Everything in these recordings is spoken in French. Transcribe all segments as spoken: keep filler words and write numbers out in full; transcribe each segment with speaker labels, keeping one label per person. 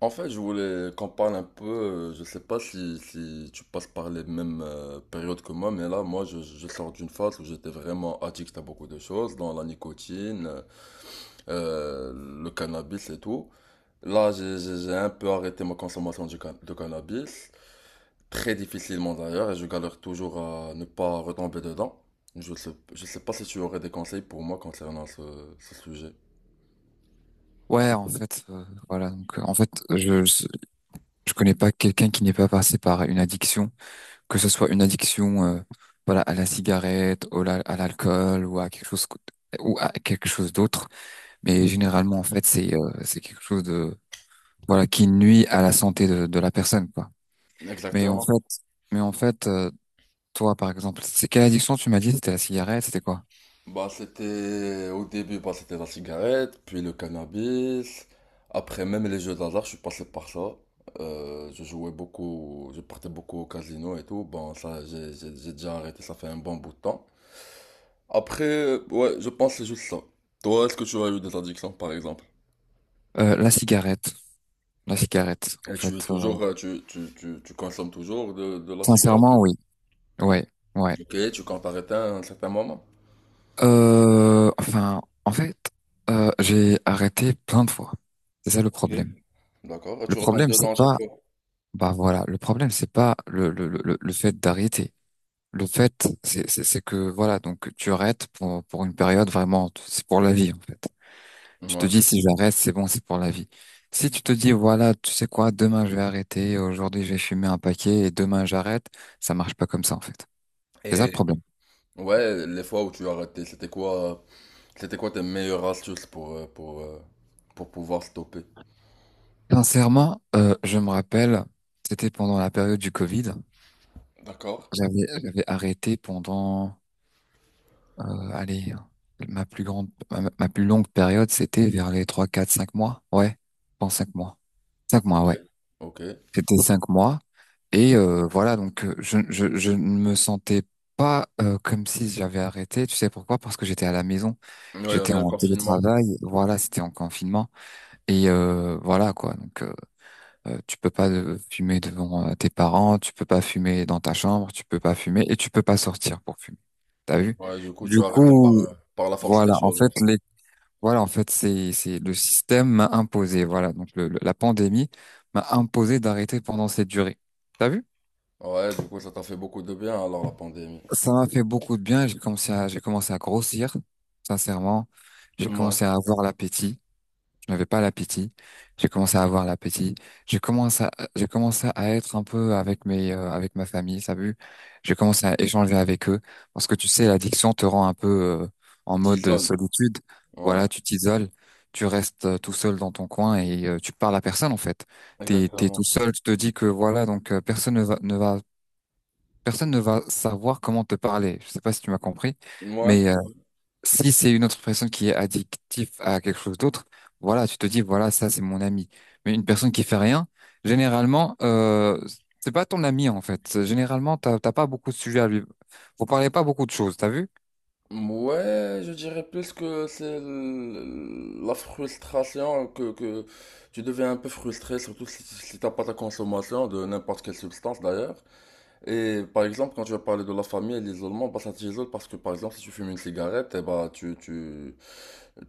Speaker 1: En fait, je voulais qu'on parle un peu, euh, je sais pas si, si tu passes par les mêmes euh, périodes que moi, mais là, moi, je, je sors d'une phase où j'étais vraiment addict à beaucoup de choses, dans la nicotine, euh, le cannabis et tout. Là, j'ai j'ai- j'ai un peu arrêté ma consommation du can- de cannabis, très difficilement d'ailleurs, et je galère toujours à ne pas retomber dedans. Je sais, je sais pas si tu aurais des conseils pour moi concernant ce, ce sujet.
Speaker 2: Ouais, en fait, euh, voilà. Donc, euh, en fait, je, je je connais pas quelqu'un qui n'est pas passé par une addiction, que ce soit une addiction, euh, voilà, à la cigarette, au la- à l'alcool ou à quelque chose co- ou à quelque chose d'autre. Mais généralement, en fait, c'est euh, c'est quelque chose de voilà qui nuit à la santé de, de la personne, quoi. Mais en
Speaker 1: Exactement.
Speaker 2: fait, mais en fait, euh, toi, par exemple, c'est quelle addiction tu m'as dit? C'était la cigarette, c'était quoi?
Speaker 1: Bah, c'était au début, bah, c'était la cigarette, puis le cannabis. Après, même les jeux d'hasard, je suis passé par ça. Euh, je jouais beaucoup, je partais beaucoup au casino et tout. Bon, ça, j'ai j'ai- j'ai déjà arrêté, ça fait un bon bout de temps. Après, euh, ouais, je pense que c'est juste ça. Toi, est-ce que tu as eu des addictions, par exemple?
Speaker 2: Euh, la cigarette. La cigarette, en
Speaker 1: Et tu es
Speaker 2: fait. Euh,
Speaker 1: toujours, euh, tu, tu, tu, tu consommes toujours de, de la cigarette?
Speaker 2: sincèrement,
Speaker 1: ou-
Speaker 2: oui. Ouais, ouais.
Speaker 1: Ok, tu comptes arrêter à un certain moment?
Speaker 2: Euh, enfin, en fait, euh, j'ai arrêté plein de fois. C'est ça le
Speaker 1: Ok.
Speaker 2: problème.
Speaker 1: D'accord, et
Speaker 2: Le
Speaker 1: tu retombes
Speaker 2: problème, c'est
Speaker 1: dedans à chaque
Speaker 2: pas,
Speaker 1: fois.
Speaker 2: Bah voilà, le problème, c'est pas le, le, le, le le fait d'arrêter. Le fait, c'est c'est- C'est que voilà, donc tu arrêtes pour, pour une période vraiment, t- c'est pour la vie en fait. Tu te
Speaker 1: Ouais.
Speaker 2: dis si j'arrête, c'est bon, c'est pour la vie. Si tu te dis voilà, tu sais quoi, demain je vais arrêter, aujourd'hui je vais fumer un paquet et demain j'arrête, ça marche pas comme ça en fait. C'est ça le
Speaker 1: Et
Speaker 2: problème.
Speaker 1: Ouais, les fois où tu as raté, c'était quoi, c'était quoi tes meilleures astuces pour, euh, pour, euh, pour pouvoir stopper?
Speaker 2: Sincèrement, euh, je me rappelle, c'était pendant la période du Covid.
Speaker 1: D'accord.
Speaker 2: J'avais j'avais arrêté pendant, euh, allez, ma plus grande, ma, ma plus longue période, c'était vers les trois, quatre, cinq mois. Ouais, pendant cinq mois. Cinq mois,
Speaker 1: Ok.
Speaker 2: ouais.
Speaker 1: Ok, ouais,
Speaker 2: C'était cinq mois. Et euh, voilà, donc euh, je, je, je ne me sentais pas euh, comme si j'avais arrêté. Tu sais pourquoi? Parce que j'étais à la maison,
Speaker 1: il y
Speaker 2: j'étais
Speaker 1: avait le
Speaker 2: en
Speaker 1: confinement.
Speaker 2: télétravail. Voilà, c'était en confinement. Et euh, voilà quoi. Donc euh, euh, tu peux pas euh, fumer devant euh, tes parents, tu peux pas fumer dans ta chambre, tu peux pas fumer et tu peux pas sortir pour fumer. T'as vu?
Speaker 1: Ouais, du coup,
Speaker 2: Du
Speaker 1: tu as arrêté
Speaker 2: coup,
Speaker 1: par, euh, par la force des
Speaker 2: voilà. En
Speaker 1: choses, en
Speaker 2: fait,
Speaker 1: fait.
Speaker 2: les Voilà, en fait, c'est c'est le système m'a imposé. Voilà, donc le, le- la pandémie m'a imposé d'arrêter pendant cette durée. T'as vu?
Speaker 1: Ouais, du coup, ça t'a fait beaucoup de bien, alors, la pandémie.
Speaker 2: Ça m'a fait beaucoup de bien. J'ai commencé à, j'ai commencé à grossir, sincèrement. J'ai
Speaker 1: Ouais.
Speaker 2: commencé à avoir l'appétit. Je n'avais pas l'appétit. J'ai commencé à avoir l'appétit. J'ai commencé à, j'ai commencé à être un peu avec mes, euh, avec ma famille, t'as vu? J'ai commencé à échanger avec eux. Parce que tu sais, l'addiction te rend un peu, euh, en mode
Speaker 1: T'isoles.
Speaker 2: solitude.
Speaker 1: Ouais,
Speaker 2: Voilà, tu t'isoles. Tu restes euh, tout seul dans ton coin et euh, tu parles à personne, en fait. T'es, t'es tout
Speaker 1: exactement.
Speaker 2: seul. Tu te dis que voilà, donc, euh, personne ne va, ne va personne ne va savoir comment te parler. Je sais pas si tu m'as compris,
Speaker 1: Ouais.
Speaker 2: mais euh, si c'est une autre personne qui est addictive à quelque chose d'autre, voilà, tu te dis, voilà, ça, c'est mon ami. Mais une personne qui fait rien, généralement, euh, c'est pas ton ami, en fait. Généralement, t'as t'as pas beaucoup de sujets à lui. Vous parlez pas beaucoup de choses, t'as vu?
Speaker 1: Ouais, je dirais plus que c'est l- la frustration, que, que tu deviens un peu frustré, surtout si, si t'as pas ta consommation de n'importe quelle substance, d'ailleurs. Et par exemple, quand tu vas parler de la famille et de l'isolement, bah ça t'isole parce que par exemple, si tu fumes une cigarette, eh bah tu, tu,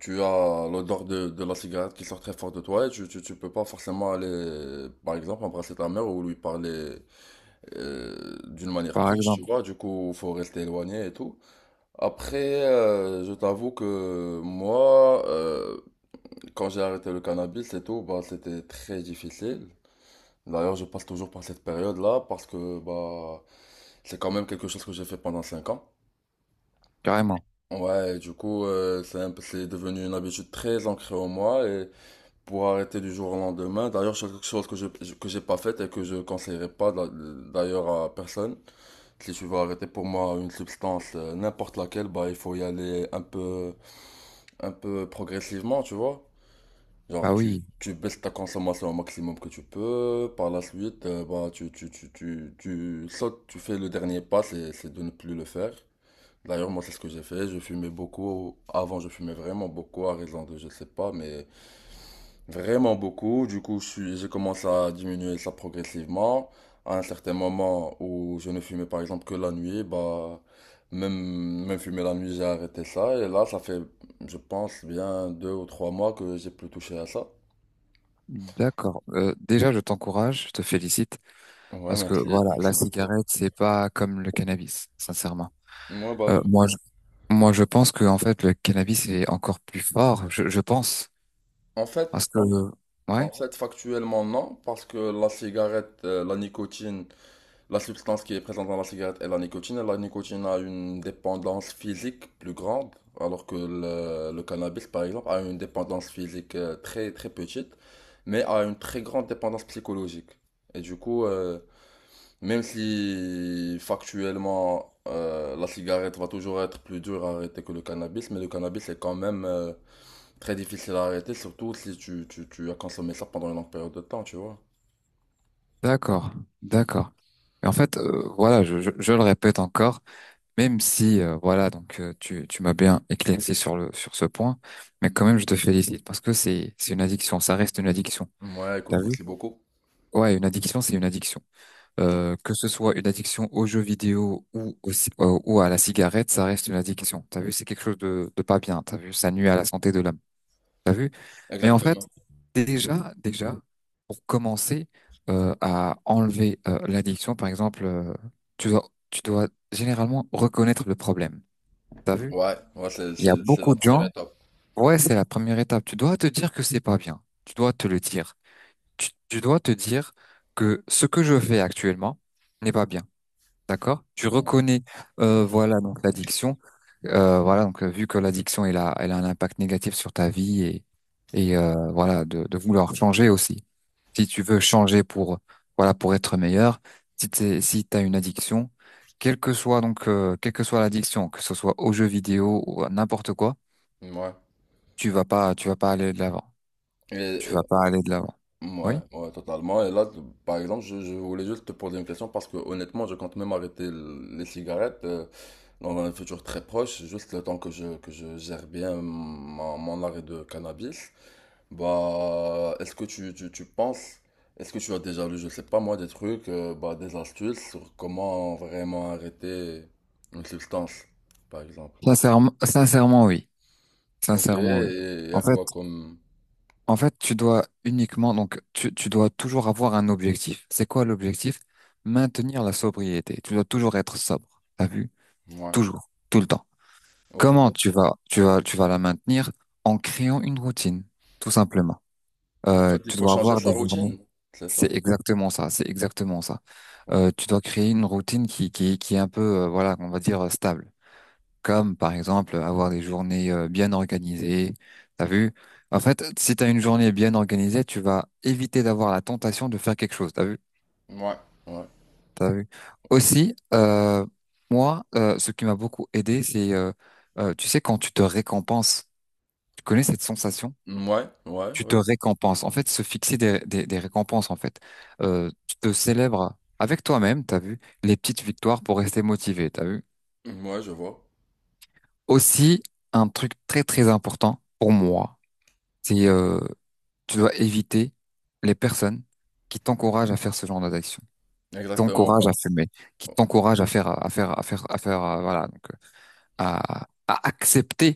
Speaker 1: tu as l'odeur de, de la cigarette qui sort très fort de toi et tu, tu, tu peux pas forcément aller, par exemple, embrasser ta mère ou lui parler euh, d'une manière
Speaker 2: Par
Speaker 1: proche, tu
Speaker 2: exemple,
Speaker 1: vois. Du coup, faut rester éloigné et tout. Après, euh, je t'avoue que moi, euh, quand j'ai arrêté le cannabis et tout, bah c'était très difficile. D'ailleurs, je passe toujours par cette période-là parce que bah c'est quand même quelque chose que j'ai fait pendant cinq ans.
Speaker 2: carrément.
Speaker 1: Ouais, et du coup, euh, c'est un peu- c'est devenu une habitude très ancrée en moi et pour arrêter du jour au lendemain, d'ailleurs, c'est quelque chose que je que j'ai pas fait et que je conseillerais pas d'a- d'ailleurs à personne. Si tu veux arrêter pour moi une substance, euh, n'importe laquelle, bah il faut y aller un peu un peu progressivement, tu vois. Genre,
Speaker 2: Bah
Speaker 1: tu,
Speaker 2: oui,
Speaker 1: tu baisses ta consommation au maximum que tu peux. Par la suite, euh, bah, tu, tu, tu, tu, tu sautes, tu fais le dernier pas, c'est, c'est de ne plus le faire. D'ailleurs, moi, c'est ce que j'ai fait. Je fumais beaucoup. Avant, je fumais vraiment beaucoup, à raison de, je sais pas, mais vraiment beaucoup. Du coup, je suis, j'ai commencé à diminuer ça progressivement. À un certain moment où je ne fumais, par exemple, que la nuit, bah, même, même fumer la nuit, j'ai arrêté ça. Et là, ça fait, je pense, bien deux ou trois mois que j'ai plus touché à ça.
Speaker 2: d'accord. Euh, déjà, je t'encourage, je te félicite,
Speaker 1: Ouais,
Speaker 2: parce que
Speaker 1: merci,
Speaker 2: voilà, la
Speaker 1: merci beaucoup.
Speaker 2: cigarette, c'est pas comme le cannabis, sincèrement.
Speaker 1: Moi, bah,
Speaker 2: Euh, moi, Moi, je pense que en fait, le cannabis est encore plus fort. Je, je pense
Speaker 1: en fait,
Speaker 2: parce que
Speaker 1: en,
Speaker 2: ouais,
Speaker 1: en fait, factuellement, non, parce que la cigarette, euh, la nicotine, la substance qui est présente dans la cigarette est la nicotine, et la nicotine a une dépendance physique plus grande, alors que le, le cannabis, par exemple, a une dépendance physique euh, très, très petite, mais a une très grande dépendance psychologique. Et du coup, euh, même si factuellement, euh, la cigarette va toujours être plus dure à arrêter que le cannabis, mais le cannabis est quand même... euh, Très difficile à arrêter, surtout si tu, tu, tu as consommé ça pendant une longue période de temps, tu vois.
Speaker 2: d'accord, d'accord. Et en fait, euh, voilà, je, je, je le répète encore, même si euh, voilà, donc euh, tu tu m'as bien éclairci sur le sur ce point, mais quand même, je te félicite parce que c'est c'est une addiction, ça reste une addiction.
Speaker 1: Ouais,
Speaker 2: T'as
Speaker 1: écoute,
Speaker 2: vu?
Speaker 1: merci beaucoup.
Speaker 2: Ouais, une addiction, c'est une addiction.
Speaker 1: Mm.
Speaker 2: Euh, que ce soit une addiction aux jeux vidéo ou au ci- euh, ou à la cigarette, ça reste une addiction. T'as vu? C'est quelque chose de de pas bien. T'as vu? Ça nuit à la santé de l'homme. T'as vu? Mais en fait
Speaker 1: Exactement.
Speaker 2: Déjà, déjà, pour commencer euh, à enlever euh, l'addiction, par exemple, euh, tu dois, tu dois généralement reconnaître le problème. T'as vu?
Speaker 1: Ouais, ouais, c'est,
Speaker 2: Il y a
Speaker 1: c'est, c'est
Speaker 2: beaucoup
Speaker 1: la
Speaker 2: de
Speaker 1: première
Speaker 2: gens.
Speaker 1: étape.
Speaker 2: Ouais, c'est la première étape. Tu dois te dire que c'est pas bien. Tu dois te le dire. Tu, tu dois te dire que ce que je fais actuellement n'est pas bien. D'accord? Tu reconnais, euh, voilà, donc l'addiction. Euh, voilà, donc euh, vu que l'addiction elle a, elle a un impact négatif sur ta vie et, et euh, voilà de, de vouloir changer aussi. Si tu veux changer pour voilà pour être meilleur, si t'es, si t'as une addiction, quelle que soit donc euh, quelle que soit l'addiction, que ce soit aux jeux vidéo ou à n'importe quoi,
Speaker 1: Mm. Ouais.
Speaker 2: tu vas pas tu vas pas aller de l'avant.
Speaker 1: Et,
Speaker 2: Tu
Speaker 1: euh,
Speaker 2: vas pas aller de l'avant.
Speaker 1: ouais,
Speaker 2: Oui?
Speaker 1: ouais, totalement. Et là, t- par exemple, je, je voulais juste te poser une question parce que honnêtement, je compte même arrêter l- les cigarettes euh, dans un futur très proche, juste le temps que je, que je gère bien mon, mon arrêt de cannabis. Bah, est-ce que tu, tu, tu penses, est-ce que tu as déjà lu, je sais pas moi, des trucs, euh, bah, des astuces sur comment vraiment arrêter une substance, par exemple?
Speaker 2: Sincèrement, sincèrement oui.
Speaker 1: Ok,
Speaker 2: Sincèrement oui.
Speaker 1: et il y
Speaker 2: En
Speaker 1: a
Speaker 2: fait
Speaker 1: quoi comme...
Speaker 2: En fait, tu dois uniquement, donc, tu, tu dois toujours avoir un objectif. C'est quoi l'objectif? Maintenir la sobriété. Tu dois toujours être sobre. T'as vu?
Speaker 1: Ouais,
Speaker 2: Toujours, tout le temps.
Speaker 1: ok.
Speaker 2: Comment tu vas, tu vas, tu vas la maintenir? En créant une routine, tout simplement.
Speaker 1: En
Speaker 2: Euh,
Speaker 1: fait, il
Speaker 2: tu
Speaker 1: faut
Speaker 2: dois
Speaker 1: changer
Speaker 2: avoir
Speaker 1: sa
Speaker 2: des journées.
Speaker 1: routine, c'est ça?
Speaker 2: C'est exactement ça. C'est exactement ça.
Speaker 1: Ok.
Speaker 2: Euh, tu dois créer une routine qui, qui, qui est un peu, euh, voilà, on va dire euh, stable comme par exemple avoir des journées euh, bien organisées. T'as vu? En fait, si t'as une journée bien organisée, tu vas éviter d'avoir la tentation de faire quelque chose. T'as vu?
Speaker 1: Ouais, ouais.
Speaker 2: T'as vu? Aussi, euh, moi, euh, ce qui m'a beaucoup aidé, c'est, euh, euh, tu sais, quand tu te récompenses, tu connais cette sensation?
Speaker 1: Ouais, ouais,
Speaker 2: Tu te
Speaker 1: ouais.
Speaker 2: récompenses. En fait, se fixer des, des, des récompenses, en fait. Euh, tu te célèbres avec toi-même, t'as vu? Les petites victoires pour rester motivé, t'as vu?
Speaker 1: Ouais, je vois.
Speaker 2: Aussi, un truc très très important pour moi. C'est euh, tu dois éviter les personnes qui t'encouragent à faire ce genre d'action,
Speaker 1: Exactement,
Speaker 2: t'encouragent
Speaker 1: bah.
Speaker 2: à fumer, qui t'encouragent à faire à faire à faire à faire euh, voilà donc euh, à, à accepter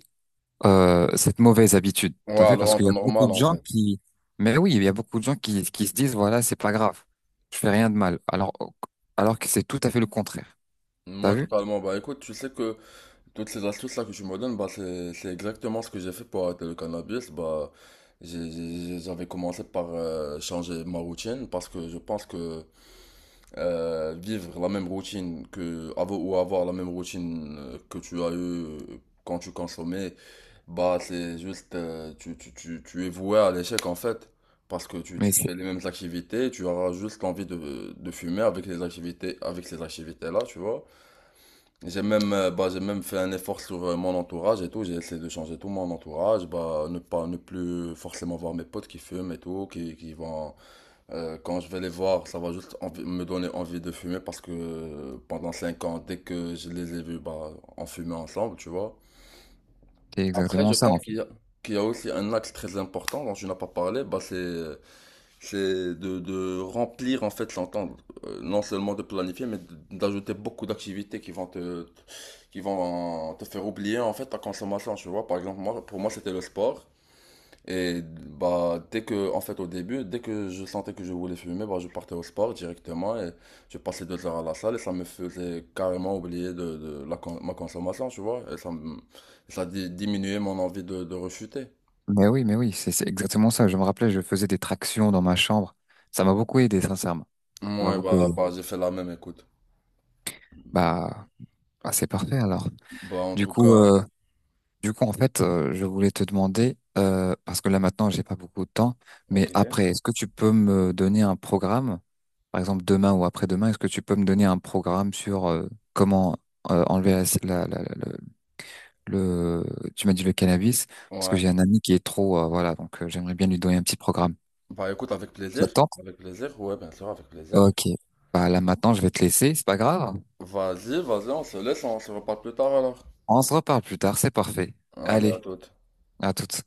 Speaker 2: euh, cette mauvaise habitude. T'as vu
Speaker 1: Ouais, le
Speaker 2: parce qu'il y
Speaker 1: rendre
Speaker 2: a beaucoup
Speaker 1: normal,
Speaker 2: de
Speaker 1: en
Speaker 2: gens
Speaker 1: fait.
Speaker 2: qui mais oui il y a beaucoup de gens qui qui se disent voilà c'est pas grave je fais rien de mal alors alors que c'est tout à fait le contraire. T'as
Speaker 1: Moi,
Speaker 2: vu?
Speaker 1: totalement. Bah, écoute, tu sais que toutes ces astuces-là que tu me donnes, bah, c'est, c'est exactement ce que j'ai fait pour arrêter le cannabis. Bah, j'ai- j'ai- j'avais commencé par euh, changer ma routine parce que je pense que euh, vivre la même routine que, avoir, ou avoir la même routine euh, que tu as eu euh, quand tu consommais, bah, c'est juste, euh, tu, tu, tu, tu es voué à l'échec en fait. Parce que tu,
Speaker 2: Mais
Speaker 1: tu
Speaker 2: c'est
Speaker 1: fais les mêmes activités, tu auras juste envie de, de fumer avec les activités, avec ces activités-là, tu vois. J'ai même, euh, bah, j'ai même fait un effort sur euh, mon entourage et tout. J'ai essayé de changer tout mon entourage. Bah, ne pas, ne plus forcément voir mes potes qui fument et tout, qui, qui vont, euh, quand je vais les voir, ça va juste envi- me donner envie de fumer parce que euh, pendant cinq ans, dès que je les ai vus, bah, on fumait ensemble, tu vois.
Speaker 2: c'est
Speaker 1: Après, je
Speaker 2: exactement ça
Speaker 1: pense
Speaker 2: en fait.
Speaker 1: qu'il y a, qu'il y a aussi un axe très important dont tu n'as pas parlé, bah, c'est c'est de, de remplir en fait son euh, non seulement de planifier, mais de- d'ajouter beaucoup d'activités qui vont te, te- qui vont te faire oublier en fait ta consommation, tu vois. Par exemple, moi, pour moi, c'était le sport. Et bah, dès que, en fait, au début, dès que je sentais que je voulais fumer, bah, je partais au sport directement et je passais deux heures à la salle et ça me faisait carrément oublier de, de la, con- ma consommation, tu vois. Et ça, me- ça di- diminuait mon envie de, de rechuter.
Speaker 2: Mais oui mais oui c'est c'est exactement ça. Je me rappelais je faisais des tractions dans ma chambre. Ça m'a beaucoup aidé sincèrement. Ça m'a
Speaker 1: Ouais,
Speaker 2: beaucoup
Speaker 1: bah,
Speaker 2: aidé.
Speaker 1: bah, j'ai fait la même, écoute.
Speaker 2: Bah, bah, c'est parfait alors.
Speaker 1: Bah, en
Speaker 2: Du
Speaker 1: tout
Speaker 2: coup,
Speaker 1: cas,
Speaker 2: euh, du coup, en fait, euh, je voulais te demander, euh, parce que là maintenant, j'ai pas beaucoup de temps, mais
Speaker 1: ok.
Speaker 2: après, est-ce que tu peux me donner un programme, par exemple demain ou après-demain, est-ce que tu peux me donner un programme sur euh, comment euh, enlever la, la- la- la- le, le- tu m'as dit le cannabis, parce que
Speaker 1: Ouais.
Speaker 2: j'ai un ami qui est trop, euh, voilà, donc euh, j'aimerais bien lui donner un petit programme.
Speaker 1: Bah écoute, avec
Speaker 2: Ça
Speaker 1: plaisir.
Speaker 2: te tente?
Speaker 1: Avec plaisir, ouais, bien sûr, avec plaisir.
Speaker 2: Ok. Bah là maintenant, je vais te laisser, c'est pas grave.
Speaker 1: Vas-y, vas-y, on se laisse, on se reparle plus tard alors.
Speaker 2: On se reparle plus tard, c'est parfait.
Speaker 1: Allez, à
Speaker 2: Allez,
Speaker 1: toute.
Speaker 2: à toutes.